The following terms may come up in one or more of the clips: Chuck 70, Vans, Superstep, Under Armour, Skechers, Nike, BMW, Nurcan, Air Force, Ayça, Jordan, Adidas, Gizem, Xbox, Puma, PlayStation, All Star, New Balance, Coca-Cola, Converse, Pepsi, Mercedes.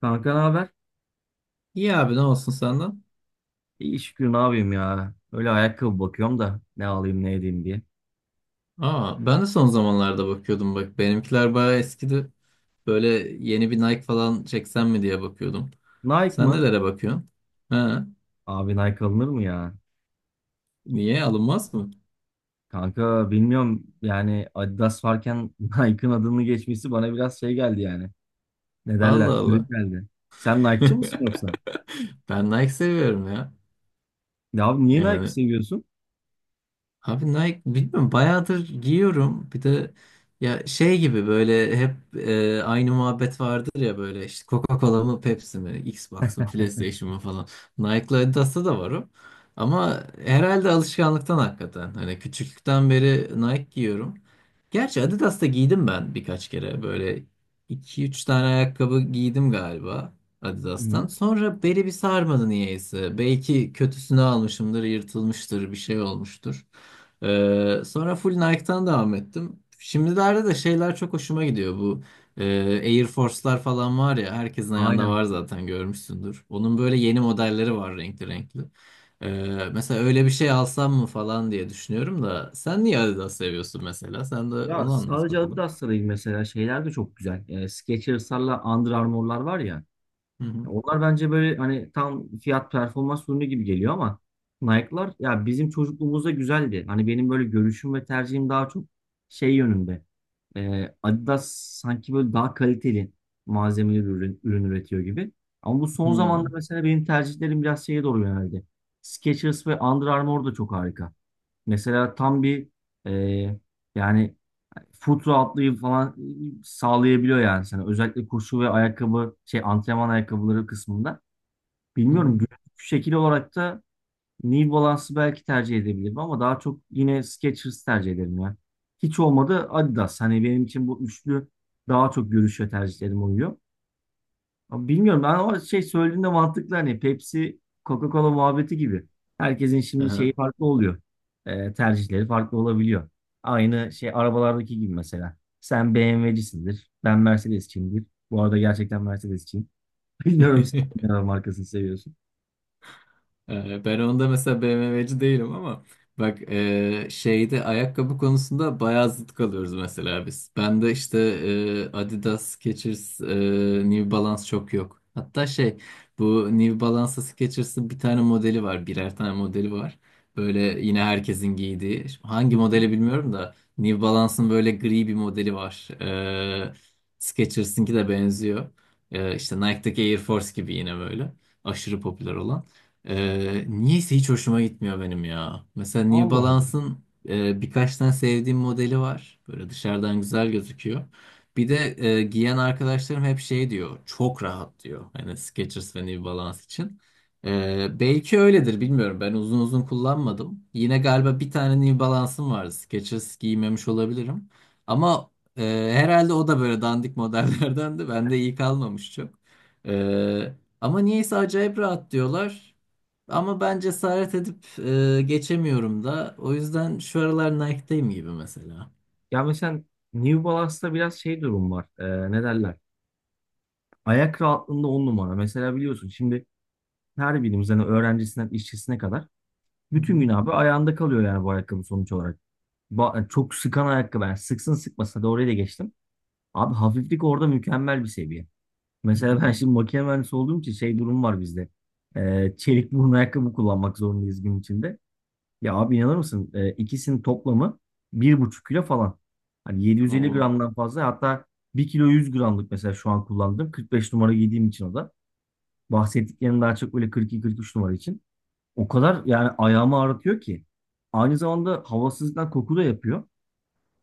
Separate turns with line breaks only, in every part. Kanka ne haber?
İyi abi ne olsun senden?
İyi şükür ne yapayım ya. Öyle ayakkabı bakıyorum da ne alayım ne edeyim diye.
Aa, ben de son zamanlarda bakıyordum bak. Benimkiler bayağı eskidi. Böyle yeni bir Nike falan çeksem mi diye bakıyordum.
Nike
Sen
mı?
nelere bakıyorsun? Ha,
Abi Nike alınır mı ya?
niye alınmaz mı?
Kanka bilmiyorum yani Adidas varken Nike'ın adını geçmesi bana biraz şey geldi yani. Ne derler?
Allah
Garip
Allah.
geldi. Sen Nike'çı mısın yoksa?
Ben Nike seviyorum ya.
Ya abi niye Nike
Yani
seviyorsun?
abi Nike bilmiyorum bayağıdır giyiyorum. Bir de ya şey gibi böyle hep aynı muhabbet vardır ya böyle işte Coca-Cola mı Pepsi mi Xbox mı PlayStation mı falan. Nike'la Adidas'ta da var o. Ama herhalde alışkanlıktan hakikaten. Hani küçüklükten beri Nike giyiyorum. Gerçi Adidas'ta giydim ben birkaç kere. Böyle iki üç tane ayakkabı giydim galiba Adidas'tan.
Hı-hı.
Sonra beli bir sarmadı niyeyse. Belki kötüsünü almışımdır, yırtılmıştır, bir şey olmuştur. Sonra full Nike'tan devam ettim. Şimdilerde de şeyler çok hoşuma gidiyor. Bu e, Air Force'lar falan var ya herkesin ayağında
Aynen.
var zaten görmüşsündür. Onun böyle yeni modelleri var renkli renkli. Ee, mesela öyle bir şey alsam mı falan diye düşünüyorum da sen niye Adidas seviyorsun mesela? Sen de
Ya
onu anlat
sadece
bakalım.
Adidas'ta değil, mesela şeyler de çok güzel. Skechers'larla Under Armour'lar var ya.
Hı hı.
Onlar bence böyle hani tam fiyat performans ürünü gibi geliyor, ama Nike'lar ya bizim çocukluğumuzda güzeldi. Hani benim böyle görüşüm ve tercihim daha çok şey yönünde. Adidas sanki böyle daha kaliteli malzemeli ürün, üretiyor gibi. Ama bu
Hı
son zamanda
hı.
mesela benim tercihlerim biraz şeye doğru yöneldi. Skechers ve Under Armour da çok harika. Mesela tam bir e, yani foot rahatlığı falan sağlayabiliyor yani sana. Özellikle koşu ve ayakkabı şey antrenman ayakkabıları kısmında.
Hı
Bilmiyorum,
hı.
görüntü şekil olarak da New Balance'ı belki tercih edebilirim ama daha çok yine Skechers tercih ederim ya. Hiç olmadı Adidas. Hani benim için bu üçlü daha çok görüşe tercihlerim oluyor. Ama bilmiyorum, ben o şey söylediğinde mantıklı, hani Pepsi Coca-Cola muhabbeti gibi. Herkesin şimdi şeyi
Aha.
farklı oluyor. Tercihleri farklı olabiliyor. Aynı şey arabalardaki gibi mesela. Sen BMW'cisindir. Ben Mercedes'çiyimdir. Bu arada gerçekten Mercedes'çiyim. Bilmiyorum sen hangi araba markasını seviyorsun.
Ben onda mesela BMW'ci değilim ama bak şeyde ayakkabı konusunda bayağı zıt kalıyoruz mesela biz. Ben de işte Adidas, Skechers, New Balance çok yok. Hatta şey bu New Balance'ı Skechers'ın bir tane modeli var. Birer tane modeli var. Böyle yine herkesin giydiği. Şimdi hangi
Hı
modeli
hı.
bilmiyorum da New Balance'ın böyle gri bir modeli var. E, Skechers'ınki de benziyor. E, işte Nike'daki Air Force gibi yine böyle. Aşırı popüler olan. Niyeyse hiç hoşuma gitmiyor benim ya. Mesela New
Allah Allah.
Balance'ın birkaç tane sevdiğim modeli var. Böyle dışarıdan güzel gözüküyor. Bir de giyen arkadaşlarım hep şey diyor. Çok rahat diyor. Hani Skechers ve New Balance için. Belki öyledir bilmiyorum. Ben uzun uzun kullanmadım. Yine galiba bir tane New Balance'ım vardı. Skechers giymemiş olabilirim. Ama herhalde o da böyle dandik modellerdendi. Bende iyi kalmamış çok. Ee, ama niyeyse acayip rahat diyorlar. Ama ben cesaret edip geçemiyorum da. O yüzden şu aralar Nike'dayım gibi mesela.
Ya mesela New Balance'da biraz şey durum var. Ne derler? Ayak rahatlığında on numara. Mesela biliyorsun şimdi her birimiz hani öğrencisinden işçisine kadar
Hı
bütün
hı,
gün abi ayağında kalıyor yani bu ayakkabı sonuç olarak. Çok sıkan ayakkabı. Yani sıksın sıkmasa da oraya da geçtim. Abi hafiflik orada mükemmel bir seviye.
hı
Mesela
hı.
ben şimdi makine mühendisi olduğum için şey durum var bizde. Çelik burun ayakkabı kullanmak zorundayız gün içinde. Ya abi inanır mısın? İkisinin toplamı bir buçuk kilo falan. Hani 750
Oo.
gramdan fazla, hatta bir kilo 100 gramlık mesela şu an kullandım. 45 numara giydiğim için o da. Bahsettiklerim daha çok böyle 42-43 numara için. O kadar yani ayağımı ağrıtıyor ki. Aynı zamanda havasızlıktan koku da yapıyor.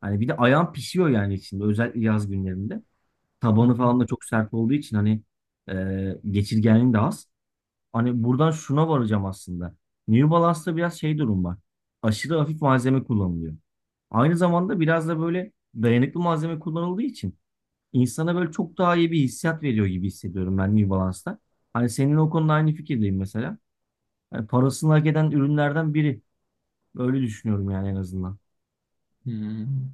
Hani bir de ayağım pişiyor yani içinde, özellikle yaz günlerinde.
Hı
Tabanı
hı.
falan da çok sert olduğu için hani geçirgenliğin de az. Hani buradan şuna varacağım aslında. New Balance'da biraz şey durum var. Aşırı hafif malzeme kullanılıyor. Aynı zamanda biraz da böyle dayanıklı malzeme kullanıldığı için insana böyle çok daha iyi bir hissiyat veriyor gibi hissediyorum ben New Balance'ta. Hani senin o konuda aynı fikirdeyim mesela. Hani parasını hak eden ürünlerden biri. Öyle düşünüyorum yani en azından.
hı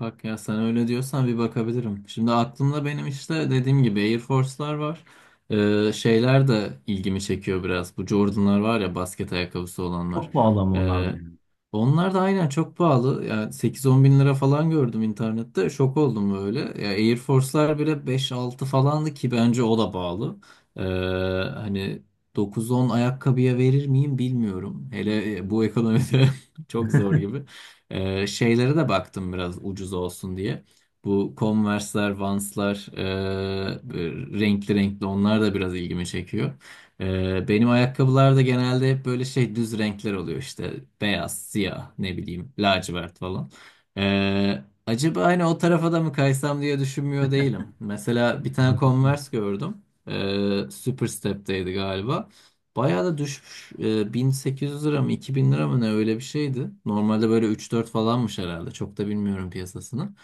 Bak ya sen öyle diyorsan bir bakabilirim. Şimdi aklımda benim işte dediğim gibi Air Force'lar var. Şeyler de ilgimi çekiyor biraz. Bu Jordan'lar var ya basket ayakkabısı olanlar.
Çok pahalı ama onlardan, yani.
Onlar da aynen çok pahalı. Yani 8-10 bin lira falan gördüm internette. Şok oldum böyle. Ya Air Force'lar bile beş altı falandı ki bence o da pahalı. Ee, hani dokuz on ayakkabıya verir miyim bilmiyorum. Hele bu ekonomide çok zor gibi. Şeylere de baktım biraz ucuz olsun diye. Bu Converse'ler, Vans'lar, böyle renkli renkli onlar da biraz ilgimi çekiyor. Benim ayakkabılar da genelde hep böyle şey düz renkler oluyor işte beyaz, siyah, ne bileyim lacivert falan. Acaba hani o tarafa da mı kaysam diye düşünmüyor değilim. Mesela bir tane Converse gördüm. Superstep'teydi galiba. Bayağı da düşmüş. 1800 lira mı 2000 lira mı ne öyle bir şeydi. Normalde böyle 3-4 falanmış herhalde. Çok da bilmiyorum piyasasını.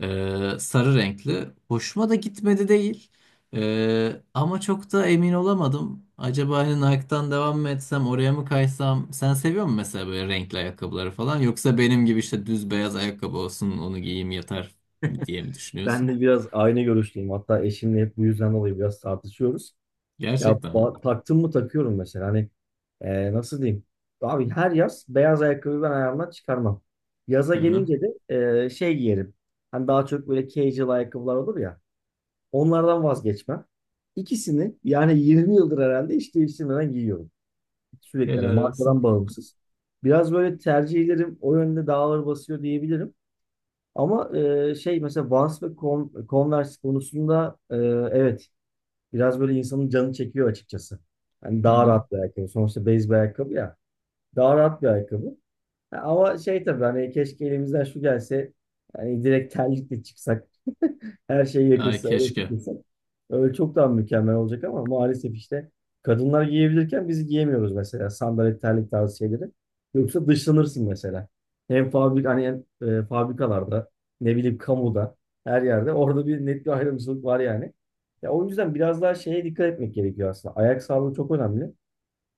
Sarı renkli. Hoşuma da gitmedi değil. Ama çok da emin olamadım. Acaba hani Nike'dan devam mı etsem, oraya mı kaysam? Sen seviyor musun mesela böyle renkli ayakkabıları falan? Yoksa benim gibi işte düz beyaz ayakkabı olsun, onu giyeyim yeter diye mi
Ben
düşünüyorsun?
de biraz aynı görüşteyim. Hatta eşimle hep bu yüzden dolayı biraz tartışıyoruz. Ya
Gerçekten mi?
ba- taktım mı takıyorum mesela. Hani nasıl diyeyim? Abi her yaz beyaz ayakkabıyı ben ayağımdan çıkarmam. Yaza
Hı hı.
gelince de şey giyerim. Hani daha çok böyle casual ayakkabılar olur ya. Onlardan vazgeçmem. İkisini yani 20 yıldır herhalde hiç değiştirmeden giyiyorum. Sürekli yani
Helal
markadan
olsun.
bağımsız. Biraz böyle tercihlerim o yönde dağları basıyor diyebilirim. Ama şey mesela Vans ve Con- Converse konusunda evet, biraz böyle insanın canı çekiyor açıkçası. Yani
Hı
daha
hı.
rahat bir ayakkabı. Sonuçta base bir ayakkabı ya. Daha rahat bir ayakkabı. Ya ama şey tabii hani keşke elimizden şu gelse, yani direkt terlikle çıksak her şey
Ay
yakışsa öyle
keşke.
takılsak. Öyle çok daha mükemmel olacak ama maalesef işte kadınlar giyebilirken biz giyemiyoruz mesela sandalet terlik tarzı şeyleri. Yoksa dışlanırsın mesela. Hem fabrik hani hem, fabrikalarda ne bileyim kamuda her yerde orada bir net bir ayrımcılık var yani. Ya o yüzden biraz daha şeye dikkat etmek gerekiyor aslında. Ayak sağlığı çok önemli.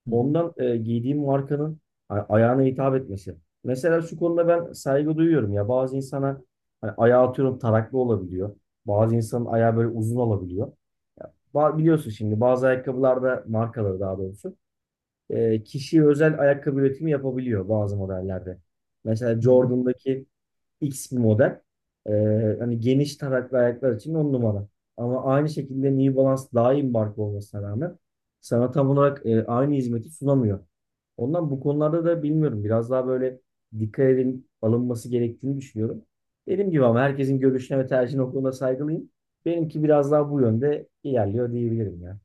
Hı hı.
Ondan giydiğim markanın a- ayağına hitap etmesi. Mesela şu konuda ben saygı duyuyorum ya, bazı insana hani ayağı atıyorum taraklı olabiliyor. Bazı insanın ayağı böyle uzun olabiliyor. Ba- biliyorsun şimdi bazı ayakkabılarda markaları, daha doğrusu kişiye özel ayakkabı üretimi yapabiliyor bazı modellerde. Mesela
Hı hı.
Jordan'daki X bir model. Hani geniş taraklı ayaklar için on numara. Ama aynı şekilde New Balance daha iyi bir marka olmasına rağmen sana tam olarak aynı hizmeti sunamıyor. Ondan bu konularda da bilmiyorum. Biraz daha böyle dikkat edin alınması gerektiğini düşünüyorum. Dediğim gibi, ama herkesin görüşüne ve tercihine o konuda saygılıyım. Benimki biraz daha bu yönde ilerliyor diyebilirim ya.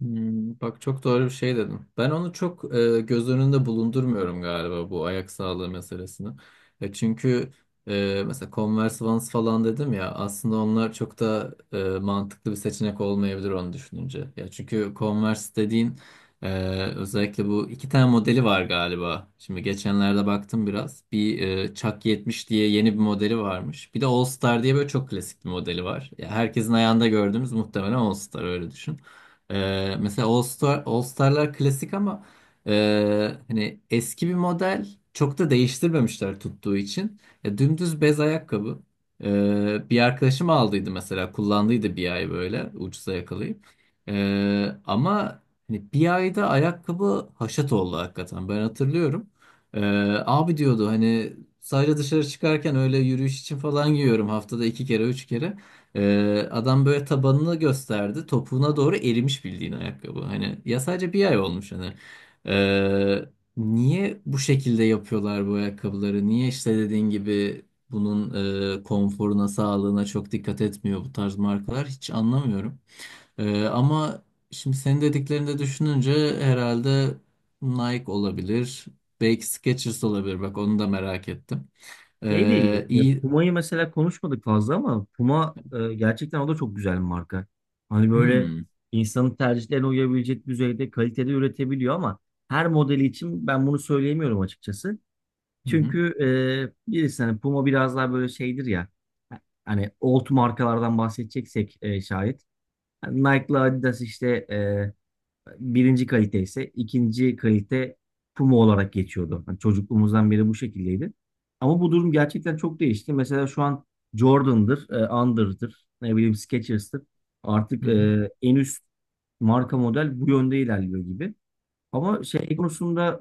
Hmm, bak çok doğru bir şey dedim. Ben onu çok göz önünde bulundurmuyorum galiba bu ayak sağlığı meselesini. Çünkü mesela Converse Vans falan dedim ya aslında onlar çok da mantıklı bir seçenek olmayabilir onu düşününce. Ya çünkü Converse dediğin özellikle bu iki tane modeli var galiba. Şimdi geçenlerde baktım biraz. Bir Chuck 70 diye yeni bir modeli varmış. Bir de All Star diye böyle çok klasik bir modeli var. Ya herkesin ayağında gördüğümüz muhtemelen All Star öyle düşün. Mesela All Star, All Star'lar klasik ama hani eski bir model çok da değiştirmemişler tuttuğu için. Ya, dümdüz bez ayakkabı. Bir arkadaşım aldıydı mesela kullandıydı bir ay böyle ucuza yakalayıp. Ama hani bir ayda ayakkabı haşat oldu hakikaten ben hatırlıyorum. Ee, abi diyordu hani sadece dışarı çıkarken öyle yürüyüş için falan giyiyorum haftada iki kere üç kere. Adam böyle tabanını gösterdi. Topuğuna doğru erimiş bildiğin ayakkabı. Hani ya sadece bir ay olmuş hani. Ee, niye bu şekilde yapıyorlar bu ayakkabıları? Niye işte dediğin gibi bunun konforuna, sağlığına çok dikkat etmiyor bu tarz markalar? Hiç anlamıyorum. Ama şimdi senin dediklerini de düşününce herhalde Nike olabilir. Belki Skechers olabilir. Bak onu da merak ettim.
Şey de iyi.
İyi.
Puma'yı mesela konuşmadık fazla, ama Puma gerçekten o da çok güzel bir marka. Hani böyle
Hmm.
insanın tercihlerine uyabilecek düzeyde kalitede üretebiliyor, ama her modeli için ben bunu söyleyemiyorum açıkçası.
Hı hı.
Çünkü birisi hani Puma biraz daha böyle şeydir ya, hani old markalardan bahsedeceksek şayet. Hani Nike'la Adidas işte birinci kalite ise, ikinci kalite Puma olarak geçiyordu. Hani çocukluğumuzdan beri bu şekildeydi. Ama bu durum gerçekten çok değişti. Mesela şu an Jordan'dır, Under'dır, ne bileyim Skechers'tır. Artık
Hı hı.
en üst marka model bu yönde ilerliyor gibi. Ama şey konusunda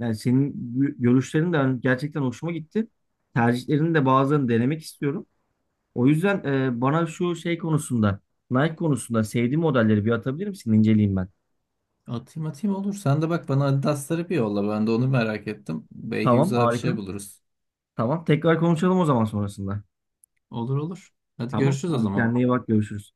yani senin gö- görüşlerin de hani gerçekten hoşuma gitti. Tercihlerini de bazılarını denemek istiyorum. O yüzden bana şu şey konusunda, Nike konusunda sevdiğim modelleri bir atabilir misin? İnceleyeyim ben.
Atayım atayım olur. Sen de bak bana Adidas'ları bir yolla. Ben de onu merak ettim. Belki
Tamam,
güzel bir
harika.
şey buluruz.
Tamam, tekrar konuşalım o zaman sonrasında.
Olur olur. Hadi
Tamam,
görüşürüz o
hadi
zaman.
kendine iyi bak, görüşürüz.